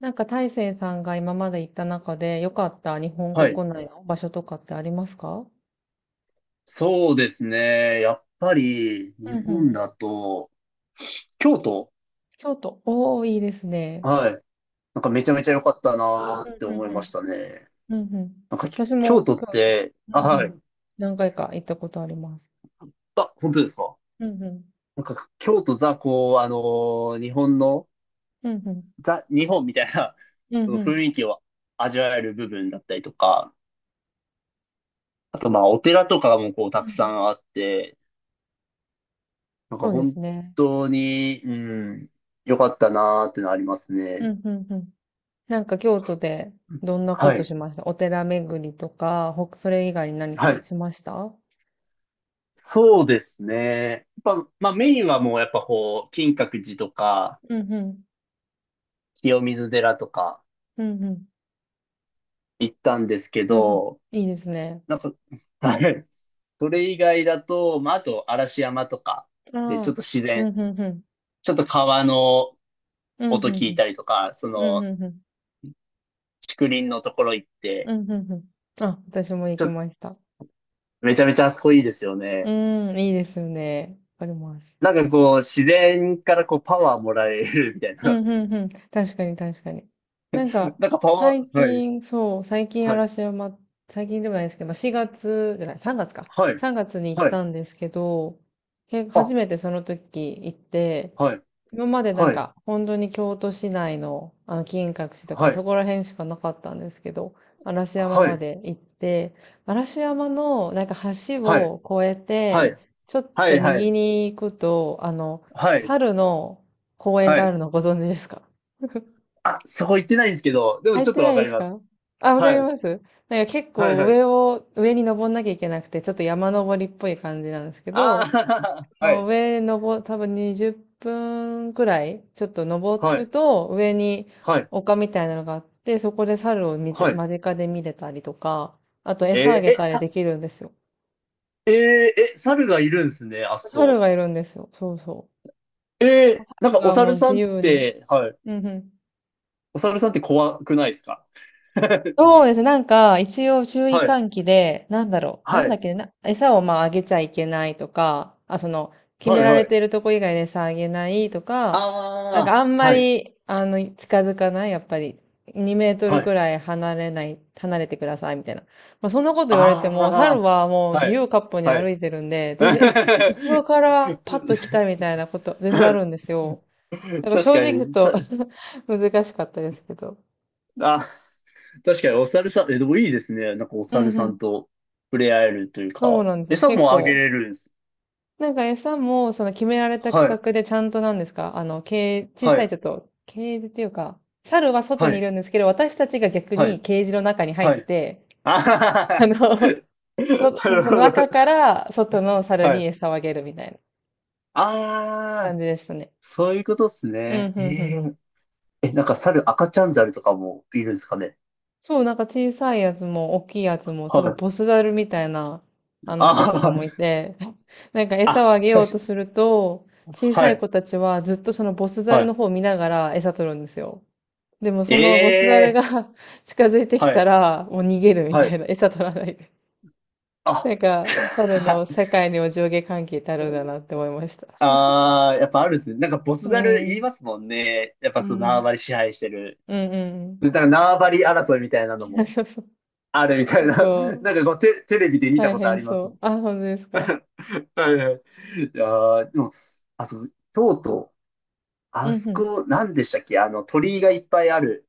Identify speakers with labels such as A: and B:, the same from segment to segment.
A: なんか大成さんが今まで行った中で良かった日本
B: はい。
A: 国内の場所とかってありますか？
B: そうですね。やっぱり、
A: う
B: 日
A: んうん。
B: 本だと、京都、
A: 京都。おー、いいですね。
B: はい。なんかめちゃめちゃ良かったなー
A: う
B: っ
A: ん
B: て
A: う
B: 思い
A: ん
B: ました
A: う
B: ね。
A: ん。うんうん。
B: なんか、き
A: 私
B: 京
A: も
B: 都っ
A: 京都。
B: て、
A: う
B: あ、
A: ん
B: は
A: うん。
B: い。
A: 何回か行ったことあります。
B: あ、本当ですか。
A: うんうん。
B: なんか、京都ザ、こう、日本の、
A: うんうん。
B: ザ、日本みたいな
A: う
B: そ
A: んう
B: の
A: ん。
B: 雰囲気を味わえる部分だったりとか、あと、まあ、お寺とかもこう、
A: う
B: た
A: んう
B: くさ
A: ん。
B: んあって、なん
A: そ
B: か
A: うです
B: 本
A: ね。
B: 当に、ん、良かったなーってのあります
A: う
B: ね。
A: んうんうん。なんか京都でどんなこ
B: は
A: と
B: い。
A: しました？お寺巡りとか、それ以外に何
B: は
A: か
B: い。
A: しました？
B: そうですね。やっぱ、まあメインはもうやっぱこう、金閣寺とか、
A: うんうん。
B: 清水寺とか
A: うんうん。
B: 行ったんですけ
A: うんうん。
B: ど、
A: いいですね。
B: なんか、はい。それ以外だと、まああと嵐山とか、
A: あ
B: で、ちょっ
A: あ、
B: と自
A: う
B: 然、
A: ん、ふんふん。
B: ちょっと川の
A: うん、
B: 音
A: ふん
B: 聞
A: ふ
B: い
A: ん。
B: たりとか、そ
A: うん、ふ
B: の、
A: んふん。
B: 竹林のところ行っ
A: う
B: て、
A: ん、ふんふん。あ、私も行
B: ちょ
A: き
B: っと
A: ました。
B: めちゃめちゃあそこいいですよ
A: う
B: ね。
A: ん、いいですよね。わかります。
B: なんかこう、自然からこう、パワーもらえるみたい
A: う
B: な。
A: ん、うん、うん。確かに、確かに。なん か、
B: なんかパワ
A: 最
B: ー、はい、
A: 近、そう、最近
B: はい、
A: 嵐山、最近でもないですけど、まあ、月じゃない、3月か。
B: はい、
A: 3月に行っ
B: はい。
A: たんですけど、け初
B: あ、
A: めてその時行って、
B: はい。
A: 今までなん
B: はい、
A: か、本当に京都市内の、あの、金閣寺とか、
B: は
A: あそ
B: い、
A: こら辺しかなかったんですけど、嵐山
B: は
A: ま
B: い、
A: で行って、嵐山の、なんか橋
B: はい、
A: を越え
B: は
A: て、
B: い、
A: ちょっ
B: は
A: と
B: い、は
A: 右
B: い、
A: に行くと、あの、
B: はい、
A: 猿の公園
B: は
A: がある
B: い。
A: のご存知ですか？
B: あ、そこ行ってないんですけど、でも
A: 入っ
B: ちょっ
A: て
B: と
A: な
B: わ
A: い
B: か
A: で
B: り
A: す
B: ます。
A: か？あ、わか
B: は
A: り
B: い、
A: ます。なんか結
B: はい、
A: 構
B: はい。
A: 上を、上に登んなきゃいけなくて、ちょっと山登りっぽい感じなんですけど、
B: ああ、
A: そ
B: は
A: の
B: い、
A: 上登、多分20分くらい、ちょっと登
B: は
A: る
B: い、
A: と、上に
B: はい、
A: 丘みたいなのがあって、そこで猿を見つ
B: はい。
A: 間近で見れたりとか、あと餌あ
B: えー
A: げ
B: え、
A: たり
B: さ、
A: できるんですよ。
B: えーえ、猿がいるんですね、あそ
A: 猿
B: こ。
A: がいるんですよ。そうそ
B: え
A: う。
B: ーなん
A: 猿
B: かお
A: がも
B: 猿
A: う
B: さ
A: 自
B: んっ
A: 由に。
B: て、はい、
A: うんうん。
B: お猿さんって怖くないですか？ は
A: そうですね。なんか、一応注意
B: い、
A: 喚起で、なんだろう。な
B: は
A: んだっ
B: い、
A: けねな、餌をまああげちゃいけないとか、あ、その、決
B: は
A: め
B: い、
A: ら
B: は
A: れ
B: い。
A: てるとこ以外で餌あげないとか、なんか
B: あ
A: あん
B: あ、
A: ま
B: はい、
A: り、あの、近づかない、やっぱり。2メートル
B: は
A: く
B: い。
A: らい離れない、離れてください、みたいな。まあ、そんなこと言われても、猿
B: あ
A: はもう
B: あ、は
A: 自
B: い、
A: 由割歩に
B: は
A: 歩
B: い。
A: いてるんで、全然、後ろからパッと来た みたいなこと、全然あるんで すよ。だから
B: 確
A: 正
B: か
A: 直ちょっ
B: に、
A: と
B: さ、
A: 難しかったですけど。
B: あ、確かにお猿さん、え、でもいいですね。なんかお
A: う
B: 猿
A: んう
B: さん
A: ん。
B: と触れ合えるという
A: そう
B: か、
A: なんですよ。
B: 餌
A: 結
B: もあげ
A: 構。
B: れるんです。
A: なんか餌も、その決められた区
B: はい、
A: 画でちゃんとなんですか？あの、ケージ、小
B: は
A: さ
B: い、
A: いちょっと、ケージっていうか、猿は外
B: は
A: にい
B: い、
A: るんですけど、私たちが逆
B: は
A: に
B: い、
A: ケージの中に入
B: は
A: っ
B: い。
A: て、
B: あはは
A: あ
B: は
A: の、
B: は、
A: そ、
B: なる
A: その
B: ほど。
A: 中から外の猿
B: は
A: に
B: い。
A: 餌をあげるみたいな
B: あ
A: 感
B: あ、
A: じでしたね。
B: そういうことです
A: う
B: ね。
A: ん、う
B: え
A: ん、うん。
B: ええ、なんか猿、赤ちゃん猿とかもいるんですかね。
A: そう、なんか小さいやつも大きいやつも、す
B: は
A: ごいボス
B: い。
A: ザルみたいな、あ
B: あ
A: の子とかもい
B: ー
A: て、なんか餌を
B: あ、
A: あげようと
B: 確か、
A: すると、小
B: は
A: さい
B: い、
A: 子たちはずっとそのボスザ
B: は
A: ル
B: い。
A: の方を見ながら餌取るんですよ。でもそのボスザルが
B: ええ
A: 近づいてき
B: は
A: た
B: い、
A: ら、もう逃げるみ
B: は
A: たい
B: い。
A: な、餌取らないで。な
B: あ、
A: んか、猿 の世界にお上下関係ってあるんだなって思いました。
B: ああ、やっぱあるんですね。なんかボス
A: う
B: ザル言い
A: ん。
B: ますもんね。やっ
A: う
B: ぱその縄
A: ん。
B: 張り支配してる。
A: うんうんうん。
B: でなんか縄張り争いみたいなの も
A: そうそう。
B: あるみたい
A: 結
B: な。
A: 構、
B: テレビで見た
A: 大
B: ことあ
A: 変
B: りま
A: そ
B: すも
A: う。
B: ん。
A: あ、本当ですか？
B: はいはい。いやーでも、あと、とうとう、
A: う
B: あ
A: ん
B: そ
A: うん。
B: こ、なんでしたっけあの、鳥居がいっぱいある。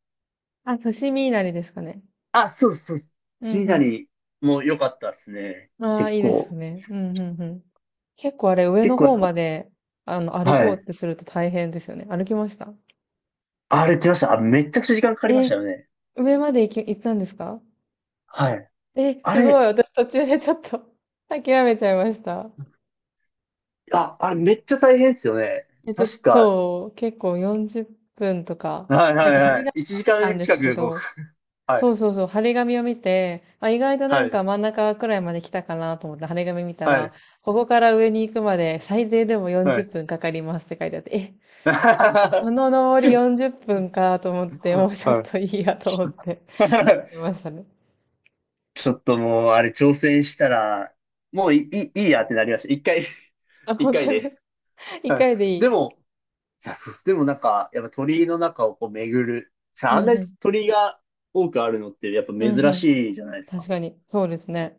A: あ、伏見稲荷ですかね。
B: あ、そうですそうです。
A: う
B: シーナ
A: ん
B: リも良かったですね。
A: うん。ああ、
B: 結
A: いいです
B: 構。
A: ね。うんうんうん。結構あれ、上
B: 結
A: の
B: 構、
A: 方まで、あの、歩
B: は
A: こうっ
B: い。
A: てすると大変ですよね。歩きました？
B: あれ来ました。あ、めちゃくちゃ時間かかりまし
A: え、
B: たよね。
A: 上まで行ったんですか？
B: はい。
A: え、
B: あ
A: すご
B: れ、
A: い。私途中でちょっと 諦めちゃいました。
B: あ、あれめっちゃ大変ですよね。
A: え、ちょっと、
B: 確か、
A: そう、結構40分とか、
B: はい
A: な
B: は
A: ん
B: い
A: か
B: は
A: 針金
B: い。1
A: を見
B: 時
A: たん
B: 間
A: で
B: 近
A: すけ
B: く、こう、
A: ど、
B: は
A: そ
B: い、
A: うそうそう、貼り紙を見て、あ、意外とな
B: は
A: んか
B: い、
A: 真ん中くらいまで来たかなと思って貼り紙見た
B: は
A: ら、
B: い、
A: ここから上に行くまで最低でも
B: は
A: 40
B: い。
A: 分かかりますって書いてあって、え、
B: は
A: この登り40分かと思って、もうちょっ
B: い
A: といいやと思って書いてま したね。
B: ちょっともう、あれ、挑戦したら、もういい、いいやってなりました。一回、
A: あ、
B: 一
A: 本
B: 回
A: 当
B: で
A: に
B: す。
A: 一
B: はい。
A: 回でい
B: で
A: い。
B: も、いや、そうっすでもなんか、やっぱ鳥居の中をこう巡る。じゃ
A: う
B: あ、あん
A: ん
B: な
A: う
B: に
A: ん。
B: 鳥居が多くあるのって、やっぱ
A: うんう
B: 珍
A: ん。
B: しいじゃないです
A: 確
B: か。
A: かに。そうですね。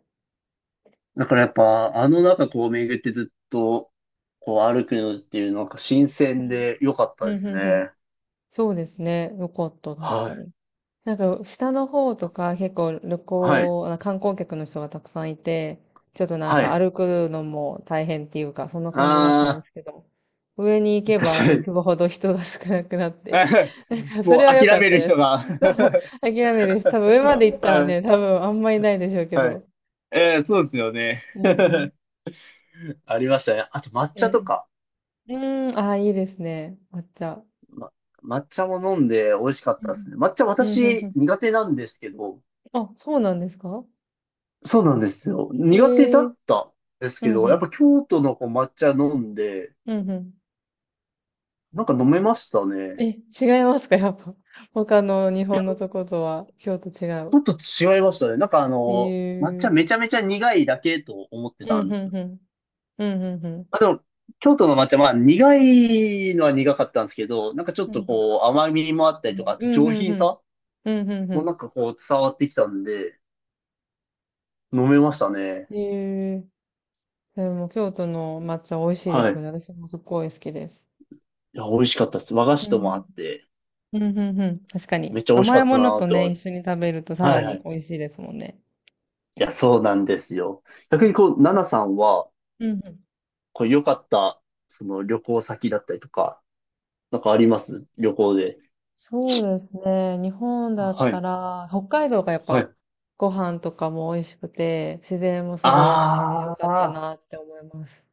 B: だからやっぱ、あの中こう巡ってずっと、こう歩くのっていう、なんか新
A: う
B: 鮮
A: ん
B: で良かった
A: う
B: で
A: ん。うん
B: す
A: うんうん。
B: ね。
A: そうですね。よかった。確
B: は
A: か
B: い。
A: に。なんか、下の方とか結構旅
B: はい。
A: 行、あ観光客の人がたくさんいて、ちょっとなん
B: は
A: か
B: い。
A: 歩くのも大変っていうか、そんな感じだったんで
B: あ
A: すけど、上に行
B: あ、
A: け ば浮
B: 確
A: くほど人が少なくなって、
B: かに。
A: なん かそれ
B: も
A: は
B: う
A: 良か
B: 諦
A: っ
B: め
A: た
B: る
A: で
B: 人
A: す。
B: が
A: そうそう、諦めるし、多分上まで行ったら
B: はい、
A: ね、多分あんまりないでしょうけ
B: はい。
A: ど。
B: えーそうですよね。
A: うんうん。
B: ありましたね。あと抹
A: う
B: 茶と
A: ん
B: か。
A: うん。うーん、ああ、いいですね。抹茶。
B: ま、抹茶も飲んで美味しかっ
A: う
B: たです
A: ん
B: ね。抹茶
A: うん。うんうんう
B: 私
A: ん。
B: 苦手なんですけど、
A: あ、そうなんですか？
B: そうなんですよ。苦手だ
A: ええー。
B: ったんです
A: う
B: け
A: んう
B: ど、やっ
A: ん。
B: ぱ京都のこう抹茶飲んで、
A: うんうん。
B: なんか飲めました
A: え、
B: ね。
A: 違いますか、やっぱ。他の日
B: いや、
A: 本のと
B: ち
A: ことは、京都違う。
B: ょっと違いましたね。なんかあ
A: え
B: の、抹茶
A: ー。
B: めちゃめちゃ苦いだけと思って
A: う
B: た
A: ん、
B: んで
A: ふ
B: す
A: ん
B: よ。
A: ふん。うん、ふんふん。
B: あ、でも、京都の抹茶、まあ、苦いのは苦かったんですけど、なんかちょっ
A: う
B: と
A: ん、
B: こう、甘みもあった
A: う
B: りとか、
A: ん
B: あと
A: う
B: 上
A: んう
B: 品
A: ん。
B: さ
A: うん、うんうんうんうんうんうんうんう
B: もな
A: ん
B: んかこう、伝わってきたんで、飲めましたね。
A: うん。えー。でも、京都の抹茶美味しいで
B: はい。
A: す
B: い
A: よね。私もすっごい好きです。
B: や、美味しかったです。和菓
A: う
B: 子ともあ
A: ん。
B: って、
A: うん、うんうん。確かに。
B: めっちゃ美味し
A: 甘
B: か
A: い
B: った
A: もの
B: なーっ
A: と
B: て思
A: ね、一
B: う
A: 緒に食べるとさら
B: はいは
A: に
B: い。
A: 美味しいですもんね。
B: いや、そうなんですよ。逆にこう、ナナさんは、
A: うん、うん。
B: こう、良かった、その旅行先だったりとか、なんかあります旅行で。
A: そうですね。日本だっ
B: は
A: た
B: い、
A: ら、北海道がやっ
B: はい。
A: ぱご飯とかも美味しくて、自然もすごい豊かで良
B: あ
A: かった
B: ー、
A: なって思います。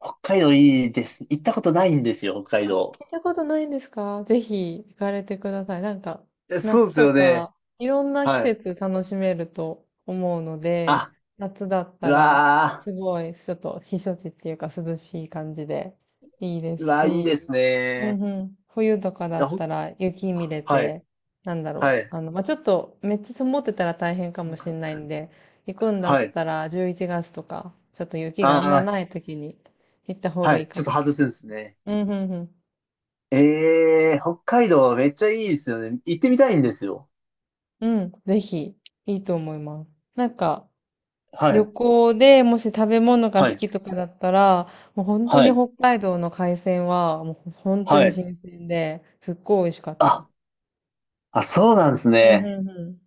B: 北海道いいです。行ったことないんですよ、北海
A: あ、
B: 道。
A: 行ったことないんですか？ぜひ行かれてください。なんか、
B: えそう
A: 夏
B: です
A: と
B: よね。
A: か、いろんな季
B: はい。
A: 節楽しめると思うので、
B: あ、
A: 夏だっ
B: う
A: たら、
B: わ
A: すごい、ちょっと避暑地っていうか涼しい感じでいいで
B: う
A: す
B: わー、いいで
A: し、
B: す
A: うん
B: ね。
A: うん。冬とかだ
B: いや
A: っ
B: ほん
A: たら雪見れ
B: はい、
A: て、なんだろ
B: は
A: う。
B: い、
A: あの、まあ、ちょっとめっちゃ積もってたら大変かもしれないんで、行くんだ
B: は
A: っ
B: い。
A: たら11月とか、ちょっと雪があんま
B: あ
A: ない時に行った方
B: ー、
A: が
B: は
A: いい
B: い、
A: か
B: ちょっと
A: も。
B: 外すんですね。
A: うんうんうん。
B: えー、北海道めっちゃいいですよね。行ってみたいんですよ。
A: うん、ぜひ、いいと思います。なんか、
B: は
A: 旅
B: い、
A: 行でもし食べ物が
B: は
A: 好
B: い、
A: きとかだったら、もう本当
B: は
A: に
B: い、
A: 北海道の海鮮は、もう本当
B: は
A: に
B: い。
A: 新鮮で、すっごい美味しかったです。
B: あ、あ、そうなんです
A: うんう
B: ね。
A: んうん。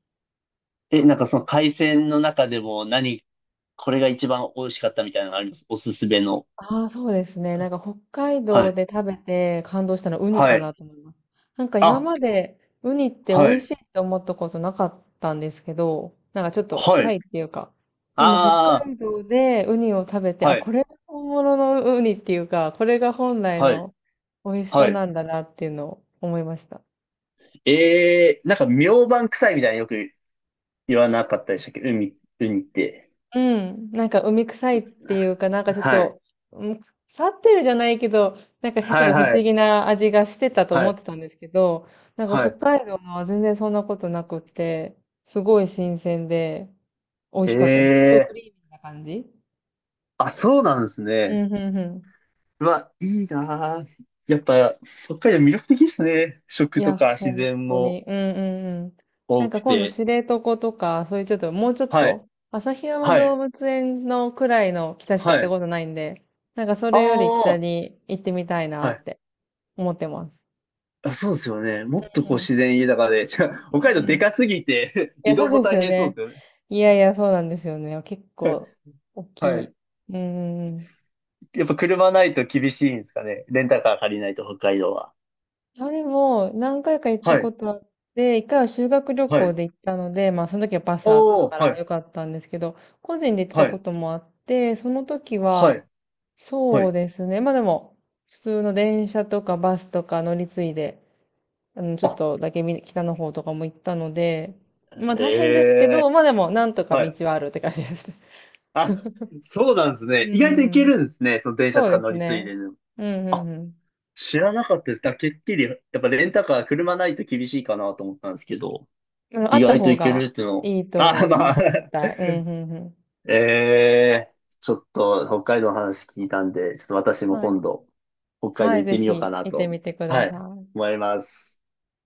B: え、なんかその海鮮の中でも何、これが一番美味しかったみたいなのありますおすすめの。
A: ああ、そうですね。なんか北海
B: は
A: 道
B: い、
A: で食べて感動したのはウニ
B: は
A: か
B: い。
A: なと思います。なんか今
B: あ、
A: までウニって美
B: は
A: 味
B: い、
A: しいって思ったことなかったんですけど、なんかちょっと
B: は
A: 臭いっ
B: い。
A: ていうか。でも北
B: あ
A: 海道でウニを食べて、
B: あ、
A: あ、
B: は
A: こ
B: い、
A: れが本物のウニっていうか、これが本来
B: はい、
A: の美味し
B: は
A: さ
B: い。
A: なんだなっていうのを思いました。
B: ええーなんか明晩臭いみたいなよく言わなかったでしたっけ海、ウニって。
A: うん、なんか海臭いっていうか、なんかちょっ
B: はい。
A: と、うん、腐ってるじゃないけど、なんかちょ
B: はい
A: っと不
B: は
A: 思
B: い。
A: 議な味がしてたと
B: は
A: 思っ
B: い。
A: てたんですけど、なんか
B: は
A: 北
B: い。
A: 海道のは全然そんなことなくって、すごい新鮮で美味
B: え
A: しかったです。すごい
B: え
A: ク
B: ー
A: リーミーな感じ。
B: あ、そうなんです
A: う
B: ね。
A: ん、うん、うん。
B: うわ、いいなあやっぱ、北海道魅力的ですね。
A: い
B: 食と
A: や、
B: か自
A: 本
B: 然
A: 当
B: も
A: に。うん、うん、うん。なん
B: 多く
A: か今度知
B: て。
A: 床とか、そういうちょっと、もうちょっ
B: はい。
A: と、旭山
B: は
A: 動
B: い。
A: 物園のくらいの北しか
B: は
A: 行った
B: い。
A: ことないんで、なんかそれより北
B: ああ、
A: に行ってみたいな
B: は
A: っ
B: い。
A: て。思ってます。
B: あ、そうですよね。も
A: う
B: っとこう自
A: ん
B: 然豊かで。じゃあ
A: う
B: 北
A: んう
B: 海
A: ん
B: 道
A: う
B: で
A: ん。
B: かすぎて
A: いや、
B: 移
A: そ
B: 動
A: う
B: も
A: です
B: 大
A: よ
B: 変そうで
A: ね。
B: すよね。
A: いやいや、そうなんですよね。結構、大
B: は
A: き
B: い。
A: い。うんうんうん。
B: やっぱ車ないと厳しいんですかね。レンタカー借りないと北海道は。
A: あ、でも、何回か行った
B: は
A: こ
B: い、
A: とあって、一回は修学旅
B: は
A: 行
B: い。
A: で行ったので、まあ、その時はバスあった
B: おお
A: か
B: は
A: ら
B: い、
A: よかったんですけど、個人で行ってた
B: は
A: こ
B: い、
A: ともあって、その時
B: は
A: は、
B: い、は
A: そう
B: い。
A: ですね。まあでも、普通の電車とかバスとか乗り継いで、あの、ちょっ
B: あ、
A: とだけみ北の方とかも行ったので、まあ
B: え
A: 大変ですけど、
B: え
A: まあでも、なんとか
B: は
A: 道
B: い。
A: はあるって感じです。
B: あ、そうなんです
A: う
B: ね。
A: ん
B: 意
A: う
B: 外といけ
A: んうん。
B: るんですね。その電車
A: そ
B: と
A: う
B: か
A: で
B: 乗
A: す
B: り継い
A: ね。
B: ででも。
A: うんうん
B: あ、
A: うん。
B: 知らなかったです。だからてっきり、やっぱレンタカー車ないと厳しいかなと思ったんですけど、
A: うん。あ
B: 意
A: った
B: 外と
A: 方
B: いける
A: が
B: っていうのを。
A: いいと思
B: あ、
A: いま
B: まあ
A: す。絶 対。うんうんうん。
B: ええちょっと北海道の話聞いたんで、ちょっと私も
A: はい。
B: 今度、北海道
A: はい、
B: 行っ
A: ぜ
B: てみようか
A: ひ
B: な
A: 行って
B: と、
A: みてくだ
B: はい、
A: さい。
B: 思います。